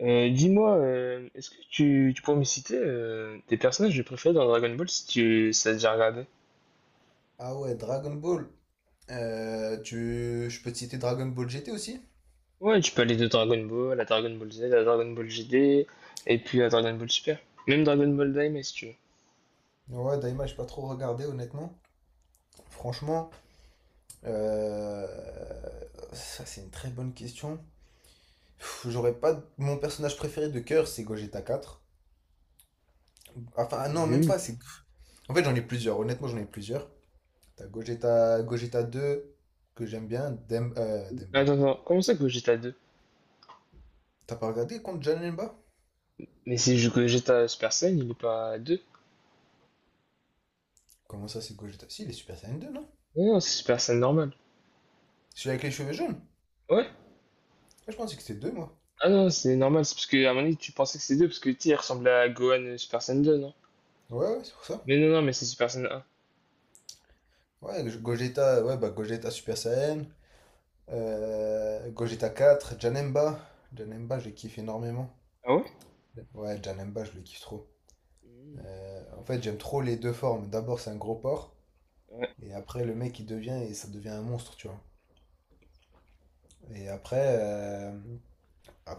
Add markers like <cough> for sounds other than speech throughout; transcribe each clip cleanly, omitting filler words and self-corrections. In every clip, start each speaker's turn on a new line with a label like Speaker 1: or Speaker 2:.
Speaker 1: Dis-moi, est-ce que tu pourrais me citer tes personnages préférés dans Dragon Ball si tu si t'as déjà regardé?
Speaker 2: Ah ouais, Dragon Ball. Je peux te citer Dragon Ball GT aussi?
Speaker 1: Ouais, tu peux aller de Dragon Ball à Dragon Ball Z, à Dragon Ball GD, et puis à Dragon Ball Super. Même Dragon Ball Daima si tu veux.
Speaker 2: Ouais, Daima, j'ai pas trop regardé, honnêtement. Franchement, euh, ça c'est une très bonne question. J'aurais pas. Mon personnage préféré de cœur, c'est Gogeta 4. Enfin, ah non, même pas.
Speaker 1: Mhm.
Speaker 2: C'est. En fait, j'en ai plusieurs. Honnêtement, j'en ai plusieurs. T'as Gogeta 2, que j'aime bien. Demba.
Speaker 1: Attends, attends, comment ça que GTA deux?
Speaker 2: T'as pas regardé contre Janemba?
Speaker 1: Mais si, je que GTA Super Saiyan, il est pas deux.
Speaker 2: Comment ça, c'est Gogeta? Si, il est Super Saiyan 2, non?
Speaker 1: Non, non, c'est Super Saiyan normal.
Speaker 2: Celui avec les cheveux jaunes?
Speaker 1: Ouais?
Speaker 2: Ah, je pensais que c'était 2 moi.
Speaker 1: Ah non, c'est normal, c'est parce que à mon avis tu pensais que c'est 2 parce que tu sais, il ressemblait à Gohan Super Saiyan 2, non?
Speaker 2: Ouais, ouais, c'est pour ça.
Speaker 1: Mais non, non, mais c'est Super Saiyan un.
Speaker 2: Ouais, Gogeta, ouais, bah Gogeta Super Saiyan, Gogeta 4 Janemba. Janemba, je le kiffe énormément.
Speaker 1: Ah ouais?
Speaker 2: Ouais, Janemba, je le kiffe trop. En fait, j'aime trop les deux formes. D'abord, c'est un gros porc,
Speaker 1: Mhm.
Speaker 2: et après, le mec, il devient, et ça devient un monstre, tu vois. Et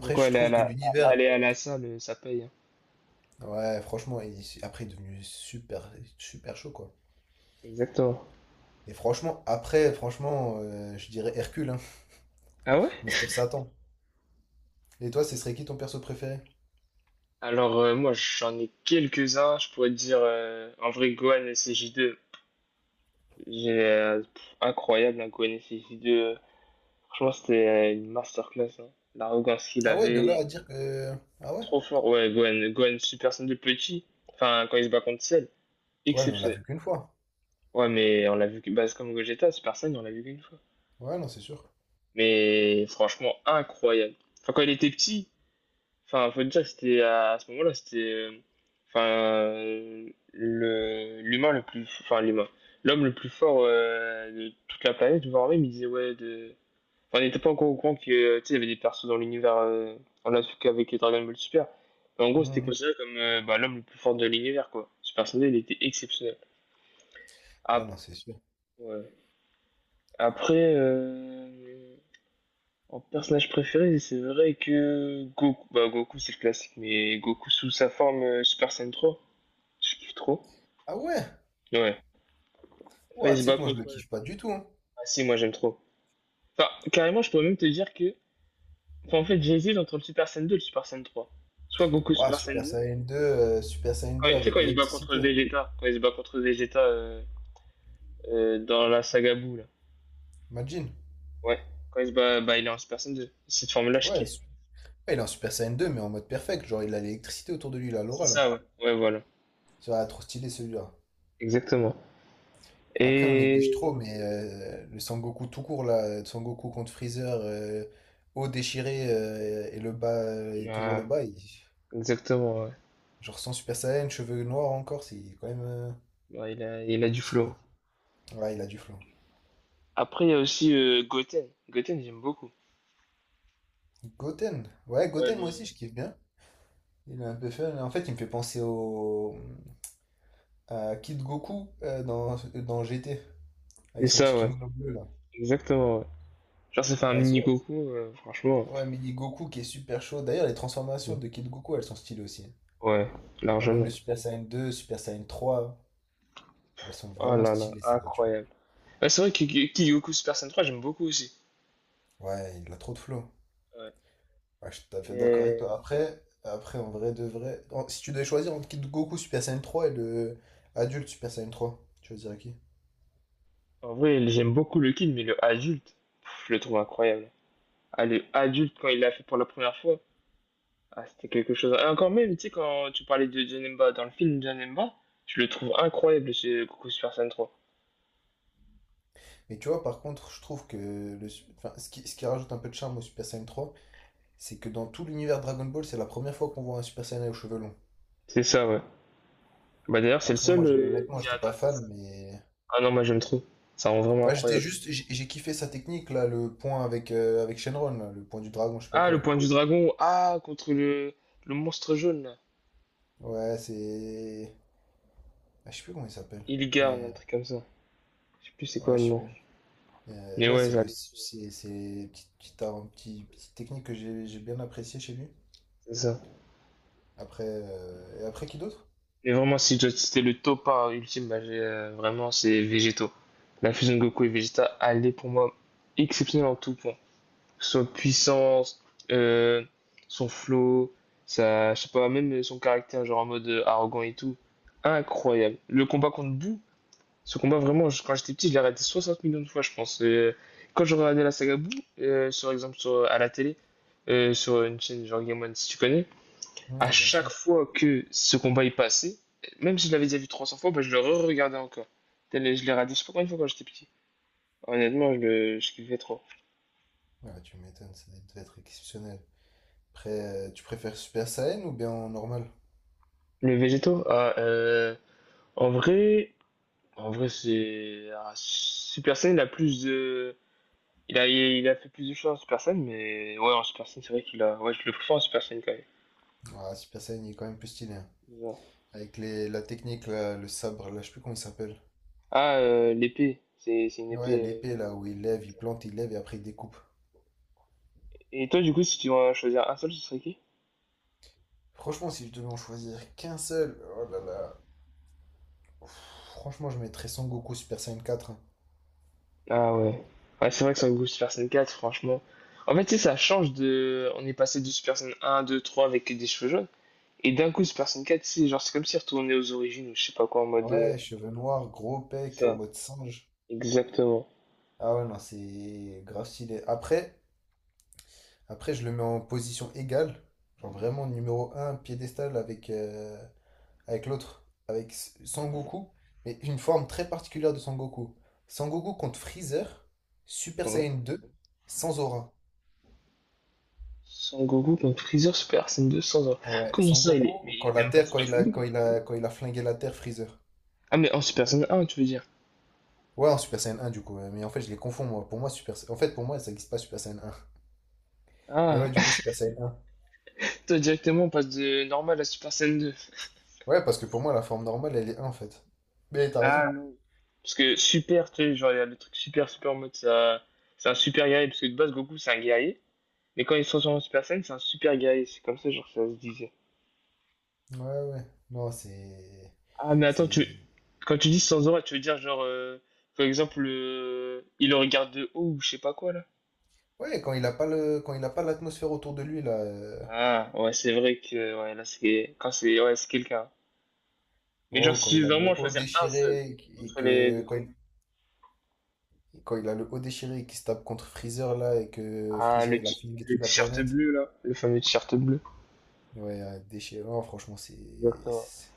Speaker 1: Donc quoi,
Speaker 2: je
Speaker 1: aller à
Speaker 2: trouve que l'univers.
Speaker 1: aller à la salle, ça paye, hein.
Speaker 2: Ouais, franchement, après, il est devenu super, super chaud, quoi.
Speaker 1: Exactement.
Speaker 2: Et franchement, après, franchement, je dirais Hercule, hein,
Speaker 1: Ah ouais?
Speaker 2: Mister Satan. Et toi, ce serait qui ton perso préféré?
Speaker 1: Alors moi j'en ai quelques-uns, je pourrais te dire en vrai Gohan SJ2, j'ai incroyable un Gohan SJ2. Franchement c'était une masterclass, hein. L'arrogance qu'il
Speaker 2: Ah ouais, de
Speaker 1: avait,
Speaker 2: là à
Speaker 1: il est
Speaker 2: dire que. Ah ouais?
Speaker 1: trop fort. Ouais, Gohan Super Saiyan de petit. Enfin quand il se bat contre Ciel,
Speaker 2: Ouais, mais on l'a
Speaker 1: exceptionnel.
Speaker 2: vu qu'une fois.
Speaker 1: Ouais mais on l'a vu que bah, c'est comme Gogeta, Super Saiyan, on l'a vu qu'une fois.
Speaker 2: Ouais, non, c'est sûr.
Speaker 1: Mais franchement incroyable. Enfin quand il était petit, enfin, faut dire, c'était à ce moment-là, c'était, enfin, le l'humain le plus, enfin l'humain, l'homme le plus fort de toute la planète, voire même, il disait ouais de, enfin, on n'était pas encore au courant que, tu sais, il y avait des persos dans l'univers, on l'a su qu'avec les Dragon Ball Super, mais en gros, c'était
Speaker 2: Hmm.
Speaker 1: considéré comme bah, l'homme le plus fort de l'univers, quoi. Ce personnage, il était exceptionnel.
Speaker 2: Ouais,
Speaker 1: Ap-
Speaker 2: non, c'est sûr.
Speaker 1: ouais. Après, en personnage préféré, c'est vrai que Goku, bah Goku, c'est le classique, mais Goku sous sa forme Super Saiyan trois, je kiffe trop.
Speaker 2: Ah ouais?
Speaker 1: Ouais. Ouais, il
Speaker 2: Ouah,
Speaker 1: se
Speaker 2: tu sais
Speaker 1: bat
Speaker 2: que moi, je
Speaker 1: contre.
Speaker 2: le kiffe pas du tout, hein.
Speaker 1: Ah si, moi j'aime trop. Enfin, carrément, je pourrais même te dire que. Enfin, en fait, j'hésite entre le Super Saiyan 2 et le Super Saiyan trois. Soit Goku
Speaker 2: Ouah,
Speaker 1: Super Saiyan deux.
Speaker 2: Super Saiyan 2
Speaker 1: Tu sais,
Speaker 2: avec
Speaker 1: quand il se bat contre
Speaker 2: l'électricité.
Speaker 1: Vegeta. Quand il se bat contre Vegeta dans la saga Buu, là.
Speaker 2: Imagine.
Speaker 1: Ouais. Quand il se bat, bah, il est en Super Saiyan deux. Cette forme-là, je
Speaker 2: Ouais,
Speaker 1: kiffe.
Speaker 2: ouais, il est en Super Saiyan 2 mais en mode perfect. Genre, il a l'électricité autour de lui, il a
Speaker 1: C'est
Speaker 2: l'aura, là.
Speaker 1: ça, ouais. Ouais, voilà.
Speaker 2: Ça va trop stylé, celui-là.
Speaker 1: Exactement.
Speaker 2: Après, on néglige
Speaker 1: Et.
Speaker 2: trop, mais le Sangoku tout court, là, Sangoku contre Freezer, haut déchiré et le bas, et toujours le
Speaker 1: Ouais,
Speaker 2: bas.
Speaker 1: exactement, ouais.
Speaker 2: Genre sans Super Saiyan, cheveux noirs encore, c'est
Speaker 1: Ouais, il
Speaker 2: quand
Speaker 1: a
Speaker 2: même
Speaker 1: du
Speaker 2: stylé.
Speaker 1: flow.
Speaker 2: Ouais, il a du flow.
Speaker 1: Après, il y a aussi Goten. Goten, j'aime beaucoup.
Speaker 2: Goten. Ouais,
Speaker 1: Ouais,
Speaker 2: Goten, moi aussi,
Speaker 1: le-
Speaker 2: je kiffe bien. Il est un peu fun. En fait, il me fait penser à Kid Goku dans GT, avec
Speaker 1: C'est
Speaker 2: son petit
Speaker 1: ça, ouais.
Speaker 2: kimono bleu, là.
Speaker 1: Exactement, ouais. Genre, ça fait un
Speaker 2: Ouais,
Speaker 1: mini
Speaker 2: celui
Speaker 1: Goku, franchement.
Speaker 2: Ouais, mais il dit Goku qui est super chaud. D'ailleurs, les transformations
Speaker 1: Mhm.
Speaker 2: de Kid Goku, elles sont stylées aussi, hein.
Speaker 1: Ouais,
Speaker 2: Genre même
Speaker 1: largement.
Speaker 2: le Super Saiyan 2, Super Saiyan 3, elles sont
Speaker 1: Oh
Speaker 2: vraiment
Speaker 1: là là,
Speaker 2: stylées, ces voitures.
Speaker 1: incroyable. Ouais, c'est vrai que Kygoku Super Saiyan trois, j'aime beaucoup aussi.
Speaker 2: Ouais, il a trop de flow.
Speaker 1: Ouais.
Speaker 2: Ouais, je suis tout à fait d'accord avec toi.
Speaker 1: Et
Speaker 2: Après, en vrai de vrai, si tu devais choisir entre Kid Goku Super Saiyan 3 et le adulte Super Saiyan 3, tu choisirais qui?
Speaker 1: en vrai, j'aime beaucoup le Kid, mais le adulte, pff, je le trouve incroyable. Ah, le adulte, quand il l'a fait pour la première fois, ah, c'était quelque chose. Et encore même, tu sais, quand tu parlais de Janemba dans le film Janemba, je le trouve incroyable chez Goku Super Saiyan trois.
Speaker 2: Mais tu vois, par contre, je trouve que enfin, ce qui rajoute un peu de charme au Super Saiyan trois, c'est que dans tout l'univers Dragon Ball, c'est la première fois qu'on voit un Super Saiyan aux cheveux longs.
Speaker 1: C'est ça, ouais. Bah d'ailleurs, c'est le
Speaker 2: Après, moi,
Speaker 1: seul
Speaker 2: honnêtement,
Speaker 1: qui a
Speaker 2: j'étais pas
Speaker 1: atteint ce
Speaker 2: fan,
Speaker 1: stade.
Speaker 2: mais.
Speaker 1: Ah non, moi j'aime trop. Ça rend vraiment
Speaker 2: Enfin, j'étais
Speaker 1: incroyable.
Speaker 2: juste. J'ai kiffé sa technique, là, le point avec Shenron, là, le point du dragon, je sais pas
Speaker 1: Ah,
Speaker 2: quoi,
Speaker 1: le
Speaker 2: là.
Speaker 1: point du dragon. Ah, contre le monstre jaune, là.
Speaker 2: Ouais, c'est. Ah, je sais plus comment il s'appelle.
Speaker 1: Illigan,
Speaker 2: Euh,
Speaker 1: un truc comme ça. Je sais plus c'est quoi
Speaker 2: Ouais,
Speaker 1: le
Speaker 2: je sais
Speaker 1: nom.
Speaker 2: plus. Euh,
Speaker 1: Mais
Speaker 2: ouais,
Speaker 1: ouais,
Speaker 2: c'est le-
Speaker 1: j'allais, c'est
Speaker 2: c'est c'est petite technique que j'ai bien appréciée chez lui.
Speaker 1: c'est ça.
Speaker 2: Après, et après qui d'autre?
Speaker 1: Et vraiment, si je dois citer le top un ultime, bah, j'ai, vraiment, c'est Végéto. La fusion de Goku et Vegeta, elle est pour moi exceptionnelle en tout point. Que puissance, euh, son flow, sa, je sais pas, même son caractère, genre en mode arrogant et tout. Incroyable. Le combat contre Buu, ce combat, vraiment, quand j'étais petit, je l'ai regardé 60 millions de fois, je pense. Et quand je regardais la saga Boo, sur exemple sur, à la télé, sur une chaîne genre Game One, si tu connais, à
Speaker 2: Hmm, bien
Speaker 1: chaque
Speaker 2: sûr.
Speaker 1: fois que ce combat est passé, même si je l'avais déjà vu 300 fois, bah, je le re-regardais encore. Je l'ai regardé, je sais pas combien de fois quand j'étais petit. Honnêtement, je kiffais trop.
Speaker 2: Ouais, tu m'étonnes, ça devait être exceptionnel. Après, tu préfères Super Saiyan ou bien en normal?
Speaker 1: Les végétaux, ah, en vrai, en vrai, c'est. Ah, Super Saiyan, il a plus de. Il a fait plus de choses en Super Saiyan, mais ouais, en Super Saiyan, c'est vrai qu'il a. Ouais, je le préfère en Super Saiyan quand même.
Speaker 2: Ah, Super Saiyan, il est quand même plus stylé, hein.
Speaker 1: C'est ça.
Speaker 2: Avec la technique, là, le sabre, là, je sais plus comment il s'appelle.
Speaker 1: Ah, l'épée. C'est une
Speaker 2: Ouais,
Speaker 1: épée,
Speaker 2: l'épée, là, où il lève, il plante, il lève et après il découpe.
Speaker 1: Et toi, du coup, si tu dois choisir un seul, ce serait qui?
Speaker 2: Franchement, si je devais en choisir qu'un seul, oh là là. Ouf, franchement, je mettrais Son Goku Super Saiyan quatre, hein.
Speaker 1: Ah ouais. Ouais, c'est vrai que sur le goût Super Saiyan 4, franchement. En fait, tu sais, ça change de. On est passé de Super Saiyan 1, 2, 3 avec des cheveux jaunes. Et d'un coup, Super Saiyan 4, c'est genre, c'est comme si retourné aux origines ou je sais pas quoi en mode.
Speaker 2: Ouais, cheveux noirs, gros
Speaker 1: C'est
Speaker 2: pec, en
Speaker 1: ça,
Speaker 2: mode singe.
Speaker 1: exactement.
Speaker 2: Ah ouais, non, c'est grave stylé. Après, je le mets en position égale. Genre vraiment numéro un piédestal avec l'autre, avec Sangoku, mais une forme très particulière de Sangoku. Sangoku contre Freezer, Super
Speaker 1: Ouais.
Speaker 2: Saiyan 2, sans aura.
Speaker 1: Sans Goku contre Freezer Super Saiyan 2 sans or.
Speaker 2: Ouais,
Speaker 1: Comment ça, il est. Mais
Speaker 2: Sangoku,
Speaker 1: il était même pas en
Speaker 2: Quand
Speaker 1: Super
Speaker 2: il a,
Speaker 1: Saiyan 2,
Speaker 2: quand
Speaker 1: lui.
Speaker 2: il a, quand il a flingué la Terre, Freezer.
Speaker 1: Ah, mais en Super Saiyan 1, tu veux dire.
Speaker 2: Ouais, en Super Saiyan 1 du coup, ouais, mais en fait je les confonds moi. Pour moi, Super Sa- En fait, pour moi, ça n'existe pas Super Saiyan 1. Mais
Speaker 1: Ah,
Speaker 2: ouais, du coup, Super Saiyan 1.
Speaker 1: <laughs> toi, directement, on passe de normal à Super Saiyan 2.
Speaker 2: Ouais, parce que pour moi, la forme normale, elle est 1 en fait. Mais t'as raison.
Speaker 1: Ah, parce que super, tu sais, genre, il y a le truc super, super en mode, ça, c'est un super guerrier, parce que de base, Goku, c'est un guerrier. Mais quand il se transforme en Super Saiyan, c'est un super guerrier. C'est comme ça, genre, ça se disait.
Speaker 2: Ouais, ouais. Non, c'est.
Speaker 1: Ah, mais attends,
Speaker 2: C'est.
Speaker 1: tu, quand tu dis Sanzora, tu veux dire, genre, par exemple, il le regarde de haut ou je sais pas quoi, là?
Speaker 2: Ouais, quand il a pas l'atmosphère autour de lui, là.
Speaker 1: Ah, ouais, c'est vrai que, ouais, là, c'est, quand c'est, ouais, c'est quelqu'un. Mais genre,
Speaker 2: Oh, quand
Speaker 1: si tu
Speaker 2: il
Speaker 1: veux
Speaker 2: a le
Speaker 1: vraiment
Speaker 2: haut
Speaker 1: choisir un seul,
Speaker 2: déchiré et et
Speaker 1: entre les
Speaker 2: que
Speaker 1: deux.
Speaker 2: quand il a le haut déchiré et qu'il se tape contre Freezer là et que
Speaker 1: Ah,
Speaker 2: Freezer il a flingué
Speaker 1: le
Speaker 2: toute la
Speaker 1: t-shirt
Speaker 2: planète.
Speaker 1: bleu, là, le fameux t-shirt bleu.
Speaker 2: Ouais, déchirant, franchement,
Speaker 1: Exactement.
Speaker 2: c'est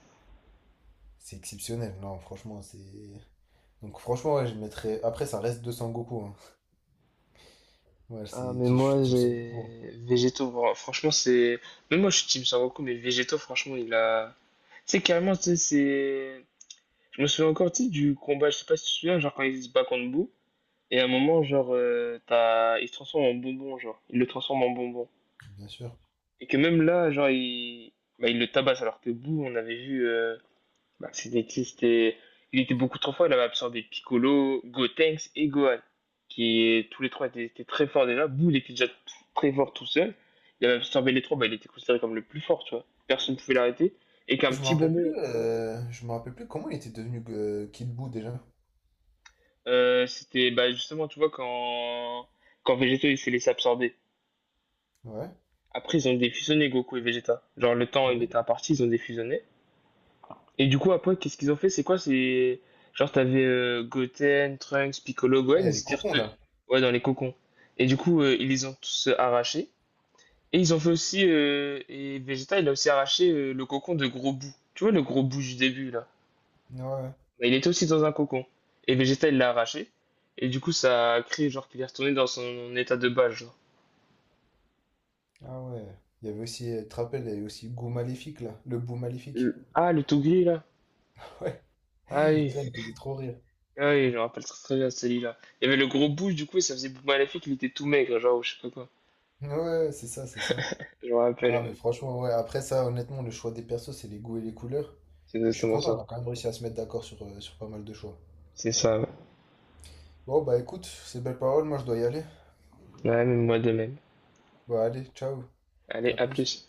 Speaker 2: c'est exceptionnel. Non, franchement, c'est. Donc franchement, ouais, je mettrais après ça reste 200 Goku, hein. Ouais,
Speaker 1: Ah,
Speaker 2: c'est
Speaker 1: mais
Speaker 2: je suis
Speaker 1: moi,
Speaker 2: Team Son, hein,
Speaker 1: j'ai végétaux. Bon, franchement, c'est. Même moi, je suis team Sangoku, mais végétaux, franchement, il a. Tu sais, carrément, tu sais, c'est. Je me souviens encore, tu sais, du combat, je sais pas si tu te souviens, genre quand il se bat contre Boo, et à un moment, genre, t'as... il se transforme en bonbon, genre. Il le transforme en bonbon.
Speaker 2: bien sûr.
Speaker 1: Et que même là, genre, il. Bah, il le tabasse, alors que Boo, on avait vu, bah, Spalletti, c'était... Il était beaucoup trop fort. Il avait absorbé Piccolo, Gotenks et Gohan, qui tous les trois étaient très forts déjà. Boule était déjà très fort tout seul. Il avait absorbé les trois, bah, il était considéré comme le plus fort, tu vois. Personne ne pouvait l'arrêter. Et qu'un
Speaker 2: Je me
Speaker 1: petit
Speaker 2: rappelle
Speaker 1: bonbon,
Speaker 2: plus euh, je me rappelle plus comment il était devenu Kid Buu déjà.
Speaker 1: c'était bah, justement, tu vois, quand, quand Vegeta il s'est laissé absorber.
Speaker 2: Ouais.
Speaker 1: Après, ils ont défusionné Goku et Vegeta. Genre, le temps, il
Speaker 2: Ouais.
Speaker 1: était imparti, ils ont défusionné. Et du coup, après, qu'est-ce qu'ils ont fait? C'est quoi? C'est genre, t'avais Goten, Trunks, Piccolo,
Speaker 2: Ouais,
Speaker 1: Gohan,
Speaker 2: il y a
Speaker 1: ils
Speaker 2: les
Speaker 1: étaient
Speaker 2: cocons là.
Speaker 1: ouais, dans les cocons. Et du coup, ils les ont tous arrachés. Et ils ont fait aussi, Vegeta, il a aussi arraché le cocon de Gros Bout. Tu vois, le Gros Bout du début, là.
Speaker 2: Ouais. Ouais.
Speaker 1: Bah, il était aussi dans un cocon. Et Vegeta, il l'a arraché. Et du coup, ça a créé, genre, qu'il est retourné dans son état de base, genre.
Speaker 2: Ah ouais. Il y avait aussi, tu te rappelles, il y avait aussi Goût Maléfique là, le bout Maléfique.
Speaker 1: Ah, le Togri, là.
Speaker 2: Ouais,
Speaker 1: Ah
Speaker 2: <laughs>
Speaker 1: oui,
Speaker 2: ça il me faisait trop rire.
Speaker 1: ah oui, je me rappelle très, très bien celui-là. Il y avait le gros bouche, du coup, et ça faisait bout maléfique, il était tout maigre, genre, ou je sais pas quoi.
Speaker 2: Ouais, ouais, c'est ça, c'est ça.
Speaker 1: Je me rappelle,
Speaker 2: Ah, mais
Speaker 1: ouais.
Speaker 2: franchement, ouais, après ça, honnêtement, le choix des persos, c'est les goûts et les couleurs.
Speaker 1: C'est
Speaker 2: Mais je suis
Speaker 1: exactement
Speaker 2: content, on a
Speaker 1: ça.
Speaker 2: quand même réussi à se mettre d'accord sur pas mal de choix.
Speaker 1: C'est ça. Ouais,
Speaker 2: Bon, bah écoute, ces belles paroles, moi je dois y aller.
Speaker 1: ouais, mais moi de même.
Speaker 2: Bah allez, ciao,
Speaker 1: Allez,
Speaker 2: à
Speaker 1: à
Speaker 2: plus.
Speaker 1: plus.